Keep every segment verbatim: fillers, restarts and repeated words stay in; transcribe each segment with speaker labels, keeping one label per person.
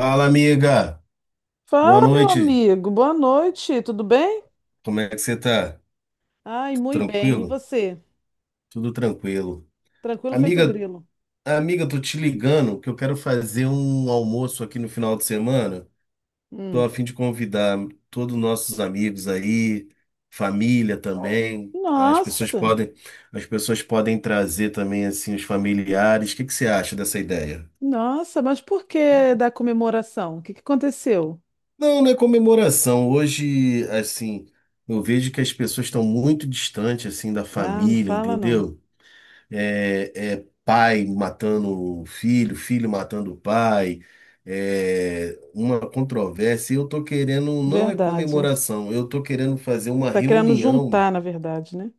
Speaker 1: Fala, amiga. Boa
Speaker 2: Fala, meu
Speaker 1: noite.
Speaker 2: amigo. Boa noite. Tudo bem?
Speaker 1: Como é que você tá?
Speaker 2: Ai, muito bem. E
Speaker 1: Tranquilo?
Speaker 2: você?
Speaker 1: Tudo tranquilo.
Speaker 2: Tranquilo feito
Speaker 1: Amiga,
Speaker 2: grilo.
Speaker 1: amiga, tô te ligando que eu quero fazer um almoço aqui no final de semana. Tô
Speaker 2: Hum.
Speaker 1: a fim de convidar todos os nossos amigos aí, família também. As pessoas
Speaker 2: Nossa,
Speaker 1: podem, as pessoas podem trazer também assim os familiares. O que que você acha dessa ideia?
Speaker 2: nossa, mas por que da comemoração? O que que aconteceu?
Speaker 1: Não, não é comemoração. Hoje, assim, eu vejo que as pessoas estão muito distantes assim da
Speaker 2: Ah, não
Speaker 1: família,
Speaker 2: fala não.
Speaker 1: entendeu? É, é pai matando um filho, filho matando pai, é uma controvérsia. E eu tô querendo, não é
Speaker 2: Verdade.
Speaker 1: comemoração, eu tô querendo fazer uma
Speaker 2: Tá querendo
Speaker 1: reunião.
Speaker 2: juntar, na verdade, né?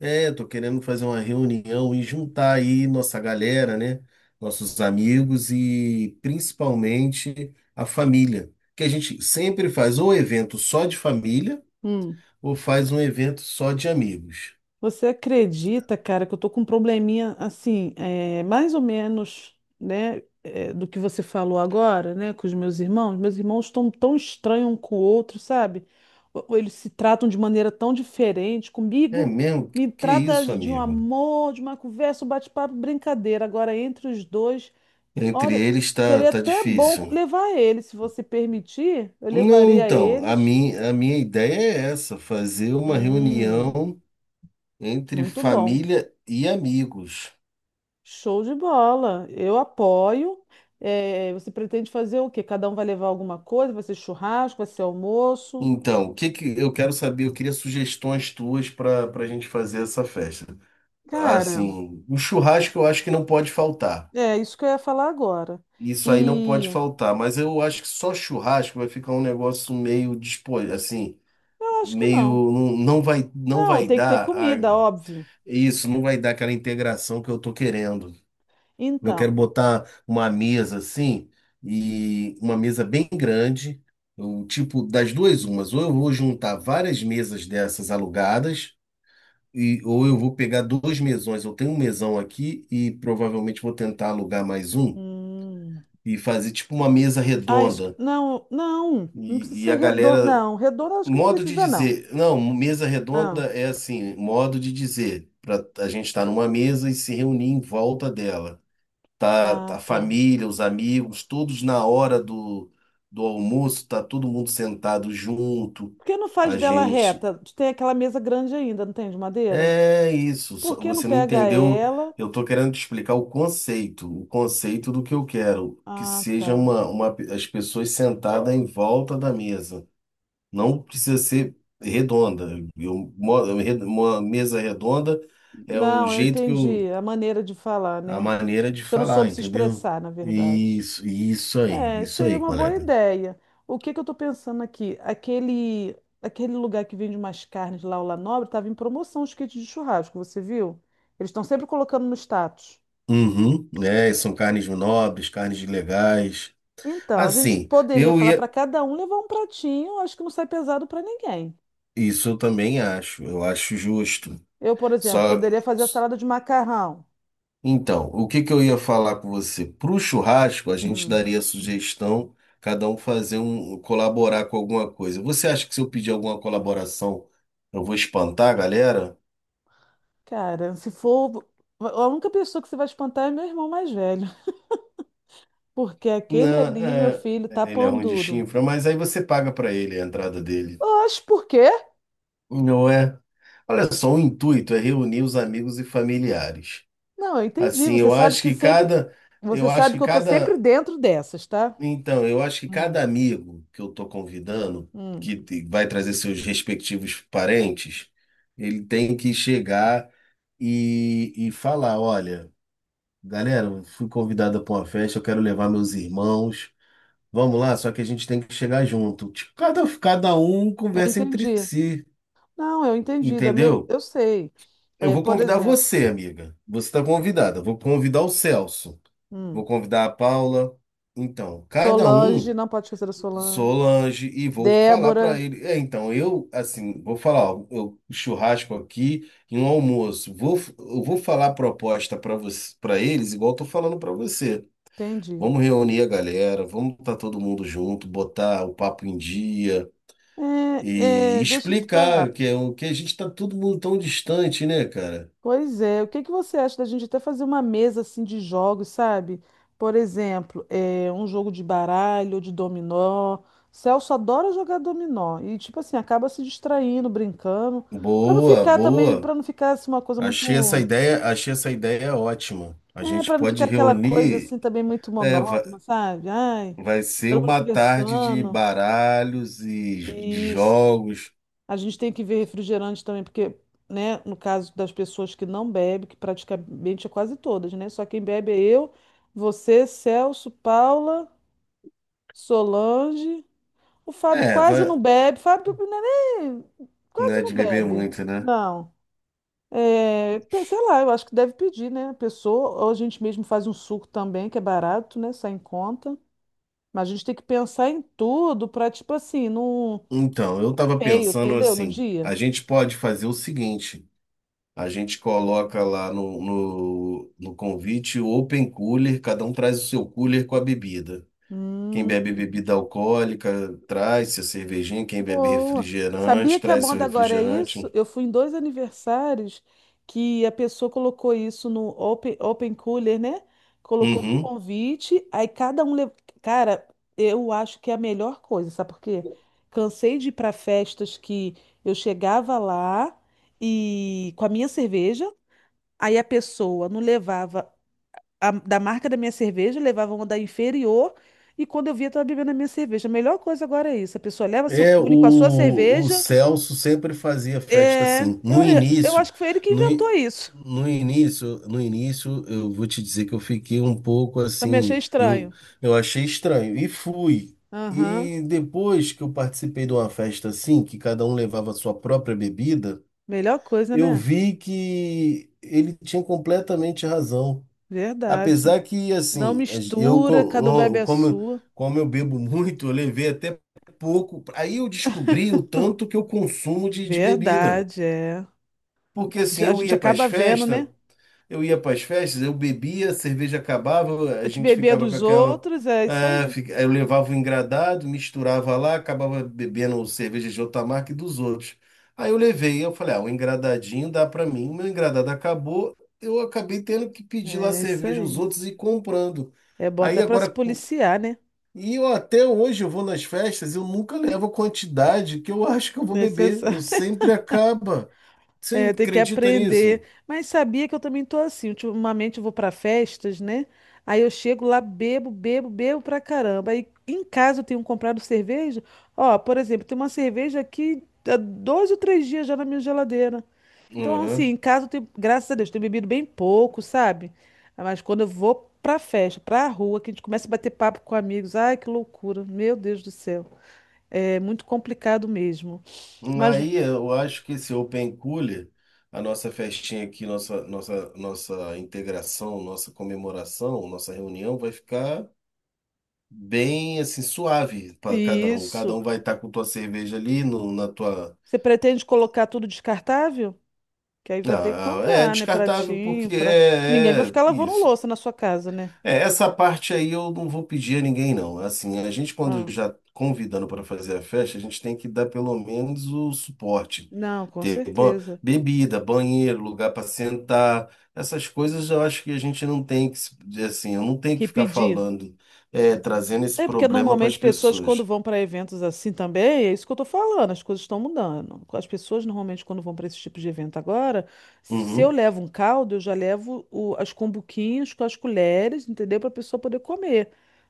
Speaker 1: É, tô querendo fazer uma reunião e juntar aí nossa galera, né? Nossos amigos e principalmente a família. Que a gente sempre faz ou evento só de família
Speaker 2: Hum.
Speaker 1: ou faz um evento só de amigos.
Speaker 2: Você acredita, cara, que eu tô com um probleminha assim, é, mais ou menos, né, é, do que você falou agora, né, com os meus irmãos? Meus irmãos estão tão estranhos um com o outro, sabe? Ou- ou Eles se tratam de maneira tão diferente.
Speaker 1: É
Speaker 2: Comigo,
Speaker 1: mesmo?
Speaker 2: me
Speaker 1: Que
Speaker 2: trata
Speaker 1: isso,
Speaker 2: de um
Speaker 1: amigo?
Speaker 2: amor, de uma conversa, um bate-papo, brincadeira. Agora, entre os dois,
Speaker 1: Entre
Speaker 2: olha,
Speaker 1: eles tá,
Speaker 2: seria
Speaker 1: tá
Speaker 2: até bom
Speaker 1: difícil.
Speaker 2: levar eles, se você permitir, eu
Speaker 1: Não,
Speaker 2: levaria
Speaker 1: então, a
Speaker 2: eles.
Speaker 1: mim, a minha ideia é essa, fazer uma
Speaker 2: Hum,
Speaker 1: reunião entre
Speaker 2: muito bom.
Speaker 1: família e amigos.
Speaker 2: Show de bola. Eu apoio. Eh, você pretende fazer o quê? Cada um vai levar alguma coisa? Vai ser churrasco? Vai ser almoço?
Speaker 1: Então, o que que eu quero saber, eu queria sugestões tuas para para a gente fazer essa festa.
Speaker 2: Cara,
Speaker 1: Assim, o churrasco eu acho que não pode faltar.
Speaker 2: é isso que eu ia falar agora.
Speaker 1: Isso aí não pode
Speaker 2: E
Speaker 1: faltar, mas eu acho que só churrasco vai ficar um negócio meio disposto, assim,
Speaker 2: eu acho que
Speaker 1: meio
Speaker 2: não.
Speaker 1: não, não vai não
Speaker 2: Não,
Speaker 1: vai
Speaker 2: tem que ter
Speaker 1: dar a...
Speaker 2: comida, óbvio.
Speaker 1: Isso não vai dar aquela integração que eu tô querendo. Eu quero
Speaker 2: Então,
Speaker 1: botar uma mesa assim, e uma mesa bem grande, o tipo das duas umas, ou eu vou juntar várias mesas dessas alugadas, e ou eu vou pegar dois mesões. Eu tenho um mesão aqui e provavelmente vou tentar alugar mais um
Speaker 2: hum,
Speaker 1: e fazer tipo uma mesa
Speaker 2: ah, isso, que-
Speaker 1: redonda.
Speaker 2: não, não, não precisa
Speaker 1: E, e
Speaker 2: ser
Speaker 1: a
Speaker 2: redondo.
Speaker 1: galera,
Speaker 2: Não, redondo eu acho que não
Speaker 1: modo de
Speaker 2: precisa, não.
Speaker 1: dizer, não, mesa
Speaker 2: Ah,
Speaker 1: redonda é assim, modo de dizer, para a gente estar numa mesa e se reunir em volta dela. tá
Speaker 2: ah,
Speaker 1: tá a
Speaker 2: tá.
Speaker 1: família, os amigos, todos na hora do, do almoço, tá todo mundo sentado junto,
Speaker 2: Por que não faz
Speaker 1: a
Speaker 2: dela
Speaker 1: gente.
Speaker 2: reta? Tem aquela mesa grande ainda, não tem, de madeira?
Speaker 1: É isso,
Speaker 2: Por
Speaker 1: só-
Speaker 2: que não
Speaker 1: você não
Speaker 2: pega
Speaker 1: entendeu?
Speaker 2: ela?
Speaker 1: Eu tô querendo te explicar o conceito, o conceito do que eu quero, que
Speaker 2: Ah,
Speaker 1: seja
Speaker 2: tá.
Speaker 1: uma, uma, as pessoas sentadas em volta da mesa. Não precisa ser redonda. Eu, mo- eu, re- uma mesa redonda é o
Speaker 2: Não, eu
Speaker 1: jeito que
Speaker 2: entendi
Speaker 1: eu...
Speaker 2: a maneira de falar,
Speaker 1: a
Speaker 2: né?
Speaker 1: maneira de
Speaker 2: Você não
Speaker 1: falar,
Speaker 2: soube se
Speaker 1: entendeu?
Speaker 2: expressar, na verdade.
Speaker 1: Isso, isso aí,
Speaker 2: É,
Speaker 1: isso
Speaker 2: seria
Speaker 1: aí,
Speaker 2: uma boa
Speaker 1: colega.
Speaker 2: ideia. O que que eu estou pensando aqui? Aquele, aquele lugar que vende umas carnes lá, o La Nobre, estava em promoção os kits de churrasco, você viu? Eles estão sempre colocando no status.
Speaker 1: Uhum, né? São carnes nobres, carnes legais.
Speaker 2: Então, a gente
Speaker 1: Assim,
Speaker 2: poderia
Speaker 1: eu
Speaker 2: falar para
Speaker 1: ia.
Speaker 2: cada um levar um pratinho, acho que não sai pesado para ninguém.
Speaker 1: Isso eu também acho, eu acho justo.
Speaker 2: Eu, por exemplo,
Speaker 1: Só.
Speaker 2: poderia fazer a salada de macarrão.
Speaker 1: Então, o que que eu ia falar com você? Pro churrasco, a gente
Speaker 2: Hum,
Speaker 1: daria a sugestão, cada um fazer um, colaborar com alguma coisa. Você acha que se eu pedir alguma colaboração, eu vou espantar a galera?
Speaker 2: cara, se for. A única pessoa que você vai espantar é meu irmão mais velho. Porque aquele
Speaker 1: Não,
Speaker 2: ali, meu
Speaker 1: é,
Speaker 2: filho, tá
Speaker 1: ele é
Speaker 2: pão
Speaker 1: ruim de
Speaker 2: duro.
Speaker 1: chifra, mas aí você paga pra ele a entrada dele,
Speaker 2: Oxe, por quê?
Speaker 1: não é? Olha só, o intuito é reunir os amigos e familiares.
Speaker 2: Não, eu entendi.
Speaker 1: Assim,
Speaker 2: Você
Speaker 1: eu
Speaker 2: sabe
Speaker 1: acho
Speaker 2: que
Speaker 1: que
Speaker 2: sempre.
Speaker 1: cada,
Speaker 2: Você
Speaker 1: eu acho
Speaker 2: sabe
Speaker 1: que
Speaker 2: que eu tô sempre
Speaker 1: cada,
Speaker 2: dentro dessas, tá?
Speaker 1: então, eu acho que
Speaker 2: Hum,
Speaker 1: cada amigo que eu tô convidando,
Speaker 2: hum.
Speaker 1: que te- vai trazer seus respectivos parentes, ele tem que chegar e, e falar, olha, galera, eu fui convidada para uma festa, eu quero levar meus irmãos. Vamos lá, só que a gente tem que chegar junto. Tipo, cada, cada um
Speaker 2: Eu
Speaker 1: conversa entre
Speaker 2: entendi.
Speaker 1: si,
Speaker 2: Não, eu entendi. Da me-
Speaker 1: entendeu?
Speaker 2: Eu sei.
Speaker 1: Eu
Speaker 2: É,
Speaker 1: vou
Speaker 2: por
Speaker 1: convidar
Speaker 2: exemplo,
Speaker 1: você, amiga. Você está convidada. Vou convidar o Celso. Vou
Speaker 2: hum,
Speaker 1: convidar a Paula. Então, cada
Speaker 2: Solange,
Speaker 1: um,
Speaker 2: não pode esquecer da Solange.
Speaker 1: Solange, e vou falar para
Speaker 2: Débora,
Speaker 1: ele. É, então, eu, assim, vou falar, ó, eu churrasco aqui e um almoço. Vou, eu vou falar a proposta para você, para eles, igual eu tô falando para você.
Speaker 2: entendi.
Speaker 1: Vamos reunir a galera, vamos estar todo mundo junto, botar o papo em dia.
Speaker 2: É,
Speaker 1: E
Speaker 2: é, deixa eu te falar.
Speaker 1: explicar que é o que a gente está todo mundo tão distante, né, cara?
Speaker 2: Pois é, o que que você acha da gente até fazer uma mesa assim de jogos, sabe? Por exemplo, é, um jogo de baralho, ou de dominó. Celso adora jogar dominó e tipo assim acaba se distraindo, brincando, para não
Speaker 1: Boa,
Speaker 2: ficar também, para
Speaker 1: boa.
Speaker 2: não ficar assim uma coisa
Speaker 1: Achei
Speaker 2: muito,
Speaker 1: essa ideia, achei essa ideia ótima. A
Speaker 2: é,
Speaker 1: gente
Speaker 2: para não
Speaker 1: pode
Speaker 2: ficar aquela coisa
Speaker 1: reunir,
Speaker 2: assim também muito
Speaker 1: é, va-
Speaker 2: monótona, sabe? Ai,
Speaker 1: vai, ser
Speaker 2: todo mundo
Speaker 1: uma tarde de
Speaker 2: conversando.
Speaker 1: baralhos e j- de
Speaker 2: Isso.
Speaker 1: jogos.
Speaker 2: A gente tem que ver refrigerante também, porque, né, no caso das pessoas que não bebem, que praticamente é quase todas, né? Só quem bebe é eu, você, Celso, Paula, Solange. O Fábio
Speaker 1: É,
Speaker 2: quase não
Speaker 1: vai,
Speaker 2: bebe. Fábio não é nem,
Speaker 1: não
Speaker 2: quase
Speaker 1: é
Speaker 2: não
Speaker 1: de beber
Speaker 2: bebe.
Speaker 1: muito, né?
Speaker 2: Não. É, pe- sei lá, eu acho que deve pedir, né? A pessoa, ou a gente mesmo faz um suco também, que é barato, né? Sai em conta. Mas a gente tem que pensar em tudo para, tipo assim, não
Speaker 1: Então, eu tava
Speaker 2: feio,
Speaker 1: pensando
Speaker 2: entendeu? No
Speaker 1: assim,
Speaker 2: dia.
Speaker 1: a gente pode fazer o seguinte, a gente coloca lá no, no, no convite o open cooler, cada um traz o seu cooler com a bebida. Quem
Speaker 2: Hum.
Speaker 1: bebe bebida alcoólica traz seu cervejinho, quem bebe
Speaker 2: Boa. Sabia
Speaker 1: refrigerante
Speaker 2: que a
Speaker 1: traz seu
Speaker 2: moda agora é isso?
Speaker 1: refrigerante.
Speaker 2: Eu fui em dois aniversários que a pessoa colocou isso no open, open cooler, né? Colocou no
Speaker 1: Uhum.
Speaker 2: convite, aí cada um levou. Cara, eu acho que é a melhor coisa, sabe por quê? Cansei de ir para festas que eu chegava lá e com a minha cerveja, aí a pessoa não levava a- da marca da minha cerveja, levava uma da inferior, e quando eu via, estava bebendo a minha cerveja. A melhor coisa agora é isso: a pessoa leva seu
Speaker 1: É,
Speaker 2: cule com a sua
Speaker 1: o, o
Speaker 2: cerveja.
Speaker 1: Celso sempre fazia festa
Speaker 2: É,
Speaker 1: assim.
Speaker 2: eu,
Speaker 1: No
Speaker 2: eu
Speaker 1: início,
Speaker 2: acho que foi ele que
Speaker 1: no,
Speaker 2: inventou
Speaker 1: in-
Speaker 2: isso.
Speaker 1: no início, no início, eu vou te dizer que eu fiquei um pouco
Speaker 2: Também achei
Speaker 1: assim, eu,
Speaker 2: estranho.
Speaker 1: eu achei estranho e fui.
Speaker 2: Aham,
Speaker 1: E depois que eu participei de uma festa assim, que cada um levava a sua própria bebida,
Speaker 2: melhor coisa,
Speaker 1: eu
Speaker 2: né?
Speaker 1: vi que ele tinha completamente razão.
Speaker 2: Verdade.
Speaker 1: Apesar que,
Speaker 2: Não
Speaker 1: assim, eu,
Speaker 2: mistura, cada um
Speaker 1: co-
Speaker 2: bebe
Speaker 1: um,
Speaker 2: a
Speaker 1: como,
Speaker 2: sua.
Speaker 1: como eu bebo muito, eu levei até pouco. Aí eu descobri o tanto que eu consumo de, de bebida.
Speaker 2: Verdade, é.
Speaker 1: Porque, assim,
Speaker 2: A
Speaker 1: eu
Speaker 2: gente
Speaker 1: ia para as
Speaker 2: acaba vendo,
Speaker 1: festas.
Speaker 2: né?
Speaker 1: Eu ia para as festas, eu bebia, a cerveja acabava,
Speaker 2: A
Speaker 1: a
Speaker 2: gente
Speaker 1: gente
Speaker 2: beber
Speaker 1: ficava com
Speaker 2: dos
Speaker 1: aquela.
Speaker 2: outros, é isso
Speaker 1: Ah,
Speaker 2: aí.
Speaker 1: fi- aí eu levava o engradado, misturava lá, acabava bebendo cerveja de outra marca e dos outros. Aí eu levei, eu falei, ah, o engradadinho dá para mim. Meu engradado acabou, eu acabei tendo que pedir lá
Speaker 2: É isso
Speaker 1: cerveja aos
Speaker 2: aí.
Speaker 1: outros e comprando.
Speaker 2: É bom
Speaker 1: Aí
Speaker 2: até para se
Speaker 1: agora. cu-
Speaker 2: policiar, né?
Speaker 1: E eu até hoje eu vou nas festas, eu nunca levo a quantidade que eu acho que eu vou beber, eu
Speaker 2: Necessário.
Speaker 1: sempre acaba. Você
Speaker 2: É, tem que
Speaker 1: acredita
Speaker 2: aprender.
Speaker 1: nisso?
Speaker 2: Mas sabia que eu também tô assim. Ultimamente eu vou para festas, né? Aí eu chego lá, bebo, bebo, bebo pra caramba. Aí em casa eu tenho comprado cerveja. Ó, por exemplo, tem uma cerveja aqui há dois ou três dias já na minha geladeira. Então, assim,
Speaker 1: Uhum.
Speaker 2: em casa eu tenho, graças a Deus, tenho bebido bem pouco, sabe? Mas quando eu vou pra festa, pra rua, que a gente começa a bater papo com amigos, ai, que loucura. Meu Deus do céu. É muito complicado mesmo. Mas
Speaker 1: Aí eu acho que esse open cooler, a nossa festinha aqui, nossa, nossa, nossa integração, nossa comemoração, nossa reunião vai ficar bem assim suave para cada um. Cada
Speaker 2: isso.
Speaker 1: um vai estar com tua cerveja ali no, na tua.
Speaker 2: Você pretende colocar tudo descartável? Que aí vai ter que
Speaker 1: Ah, é
Speaker 2: comprar, né?
Speaker 1: descartável
Speaker 2: Pratinho,
Speaker 1: porque
Speaker 2: pra... Ninguém vai
Speaker 1: é, é
Speaker 2: ficar lavando
Speaker 1: isso.
Speaker 2: louça na sua casa, né?
Speaker 1: É, essa parte aí eu não vou pedir a ninguém, não. Assim, a gente, quando
Speaker 2: Ah,
Speaker 1: já convidando para fazer a festa, a gente tem que dar pelo menos o suporte.
Speaker 2: não, com
Speaker 1: Ter ban-
Speaker 2: certeza.
Speaker 1: bebida, banheiro, lugar para sentar, essas coisas eu acho que a gente não tem que, se- assim, eu não tenho
Speaker 2: Que
Speaker 1: que ficar
Speaker 2: pedir.
Speaker 1: falando, é, trazendo esse
Speaker 2: É porque
Speaker 1: problema para as
Speaker 2: normalmente pessoas quando
Speaker 1: pessoas.
Speaker 2: vão para eventos assim também, é isso que eu tô falando, as coisas estão mudando. As pessoas normalmente quando vão para esse tipo de evento agora, se eu
Speaker 1: Uhum,
Speaker 2: levo um caldo, eu já levo o- as cumbuquinhas com as colheres, entendeu? Para a pessoa poder comer.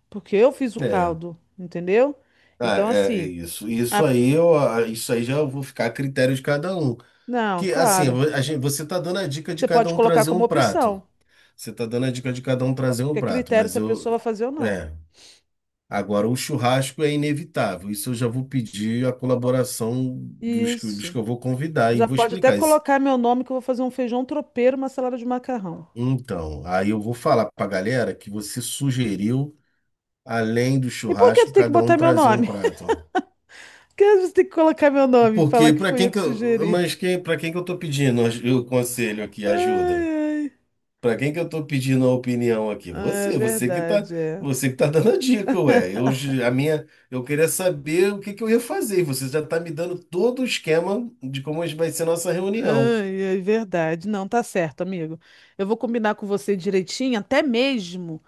Speaker 2: Porque eu fiz o
Speaker 1: é.
Speaker 2: caldo, entendeu?
Speaker 1: Ah,
Speaker 2: Então
Speaker 1: é, é
Speaker 2: assim,
Speaker 1: isso. Isso
Speaker 2: a-
Speaker 1: aí eu, ah, isso aí já eu vou ficar a critério de cada um.
Speaker 2: não,
Speaker 1: Que assim,
Speaker 2: claro.
Speaker 1: vo- a gente, você tá dando a dica de
Speaker 2: Você
Speaker 1: cada
Speaker 2: pode
Speaker 1: um
Speaker 2: colocar
Speaker 1: trazer um
Speaker 2: como
Speaker 1: prato.
Speaker 2: opção.
Speaker 1: Você tá dando a dica de cada um trazer um
Speaker 2: Fica a
Speaker 1: prato,
Speaker 2: critério
Speaker 1: mas
Speaker 2: se a
Speaker 1: eu.
Speaker 2: pessoa vai fazer ou não.
Speaker 1: É. Agora, o churrasco é inevitável. Isso eu já vou pedir a colaboração dos, que- dos que
Speaker 2: Isso.
Speaker 1: eu vou convidar e
Speaker 2: Já
Speaker 1: vou
Speaker 2: pode até
Speaker 1: explicar isso.
Speaker 2: colocar meu nome, que eu vou fazer um feijão tropeiro, uma salada de macarrão.
Speaker 1: Então, aí eu vou falar pra galera que você sugeriu, além do
Speaker 2: E por que tu
Speaker 1: churrasco,
Speaker 2: tem que
Speaker 1: cada
Speaker 2: botar
Speaker 1: um
Speaker 2: meu
Speaker 1: trazer um
Speaker 2: nome?
Speaker 1: prato.
Speaker 2: Por que você tem que colocar meu nome e falar
Speaker 1: Porque
Speaker 2: que
Speaker 1: para
Speaker 2: fui eu
Speaker 1: quem
Speaker 2: que
Speaker 1: que eu,
Speaker 2: sugeri?
Speaker 1: mas quem, para quem que eu tô pedindo aj- o conselho aqui,
Speaker 2: Ai,
Speaker 1: ajuda?
Speaker 2: ai.
Speaker 1: Pra quem que eu tô pedindo a opinião aqui?
Speaker 2: Ah, é
Speaker 1: Você, você que tá,
Speaker 2: verdade, é.
Speaker 1: você que tá dando a dica, ué. Eu, j- a minha, eu queria saber o que que eu ia fazer. Você já tá me dando todo o esquema de como vai ser nossa reunião.
Speaker 2: Ai, é verdade. Não, tá certo, amigo. Eu vou combinar com você direitinho, até mesmo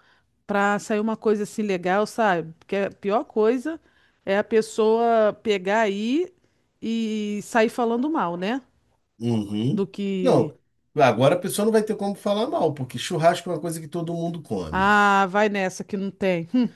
Speaker 2: pra sair uma coisa assim legal, sabe? Porque a pior coisa é a pessoa pegar aí e sair falando mal, né? Do
Speaker 1: Uhum.
Speaker 2: que,
Speaker 1: Não, agora a pessoa não vai ter como falar mal, porque churrasco é uma coisa que todo mundo come.
Speaker 2: ah, vai nessa que não tem. Hum,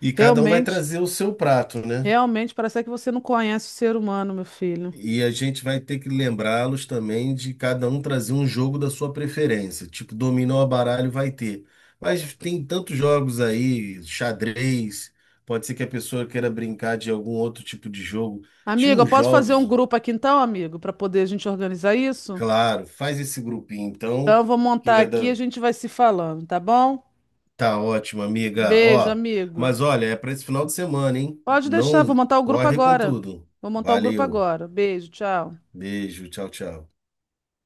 Speaker 1: E cada um vai
Speaker 2: realmente,
Speaker 1: trazer o seu prato, né?
Speaker 2: realmente parece que você não conhece o ser humano, meu filho.
Speaker 1: E a gente vai ter que lembrá-los também de cada um trazer um jogo da sua preferência. Tipo, dominó, baralho vai ter. Mas tem tantos jogos aí, xadrez, pode ser que a pessoa queira brincar de algum outro tipo de jogo. Tinha
Speaker 2: Amigo, eu
Speaker 1: uns
Speaker 2: posso fazer um
Speaker 1: jogos,
Speaker 2: grupo aqui então, amigo, para poder a gente organizar isso?
Speaker 1: claro, faz esse grupinho
Speaker 2: Então,
Speaker 1: então,
Speaker 2: eu vou
Speaker 1: que
Speaker 2: montar
Speaker 1: vai
Speaker 2: aqui e a
Speaker 1: dar.
Speaker 2: gente vai se falando, tá bom?
Speaker 1: Tá ótimo, amiga.
Speaker 2: Beijo,
Speaker 1: Ó,
Speaker 2: amigo.
Speaker 1: mas olha, é para esse final de semana, hein?
Speaker 2: Pode deixar, vou
Speaker 1: Não
Speaker 2: montar o grupo
Speaker 1: corre com
Speaker 2: agora.
Speaker 1: tudo.
Speaker 2: Vou montar o grupo
Speaker 1: Valeu.
Speaker 2: agora. Beijo, tchau.
Speaker 1: Beijo, tchau, tchau.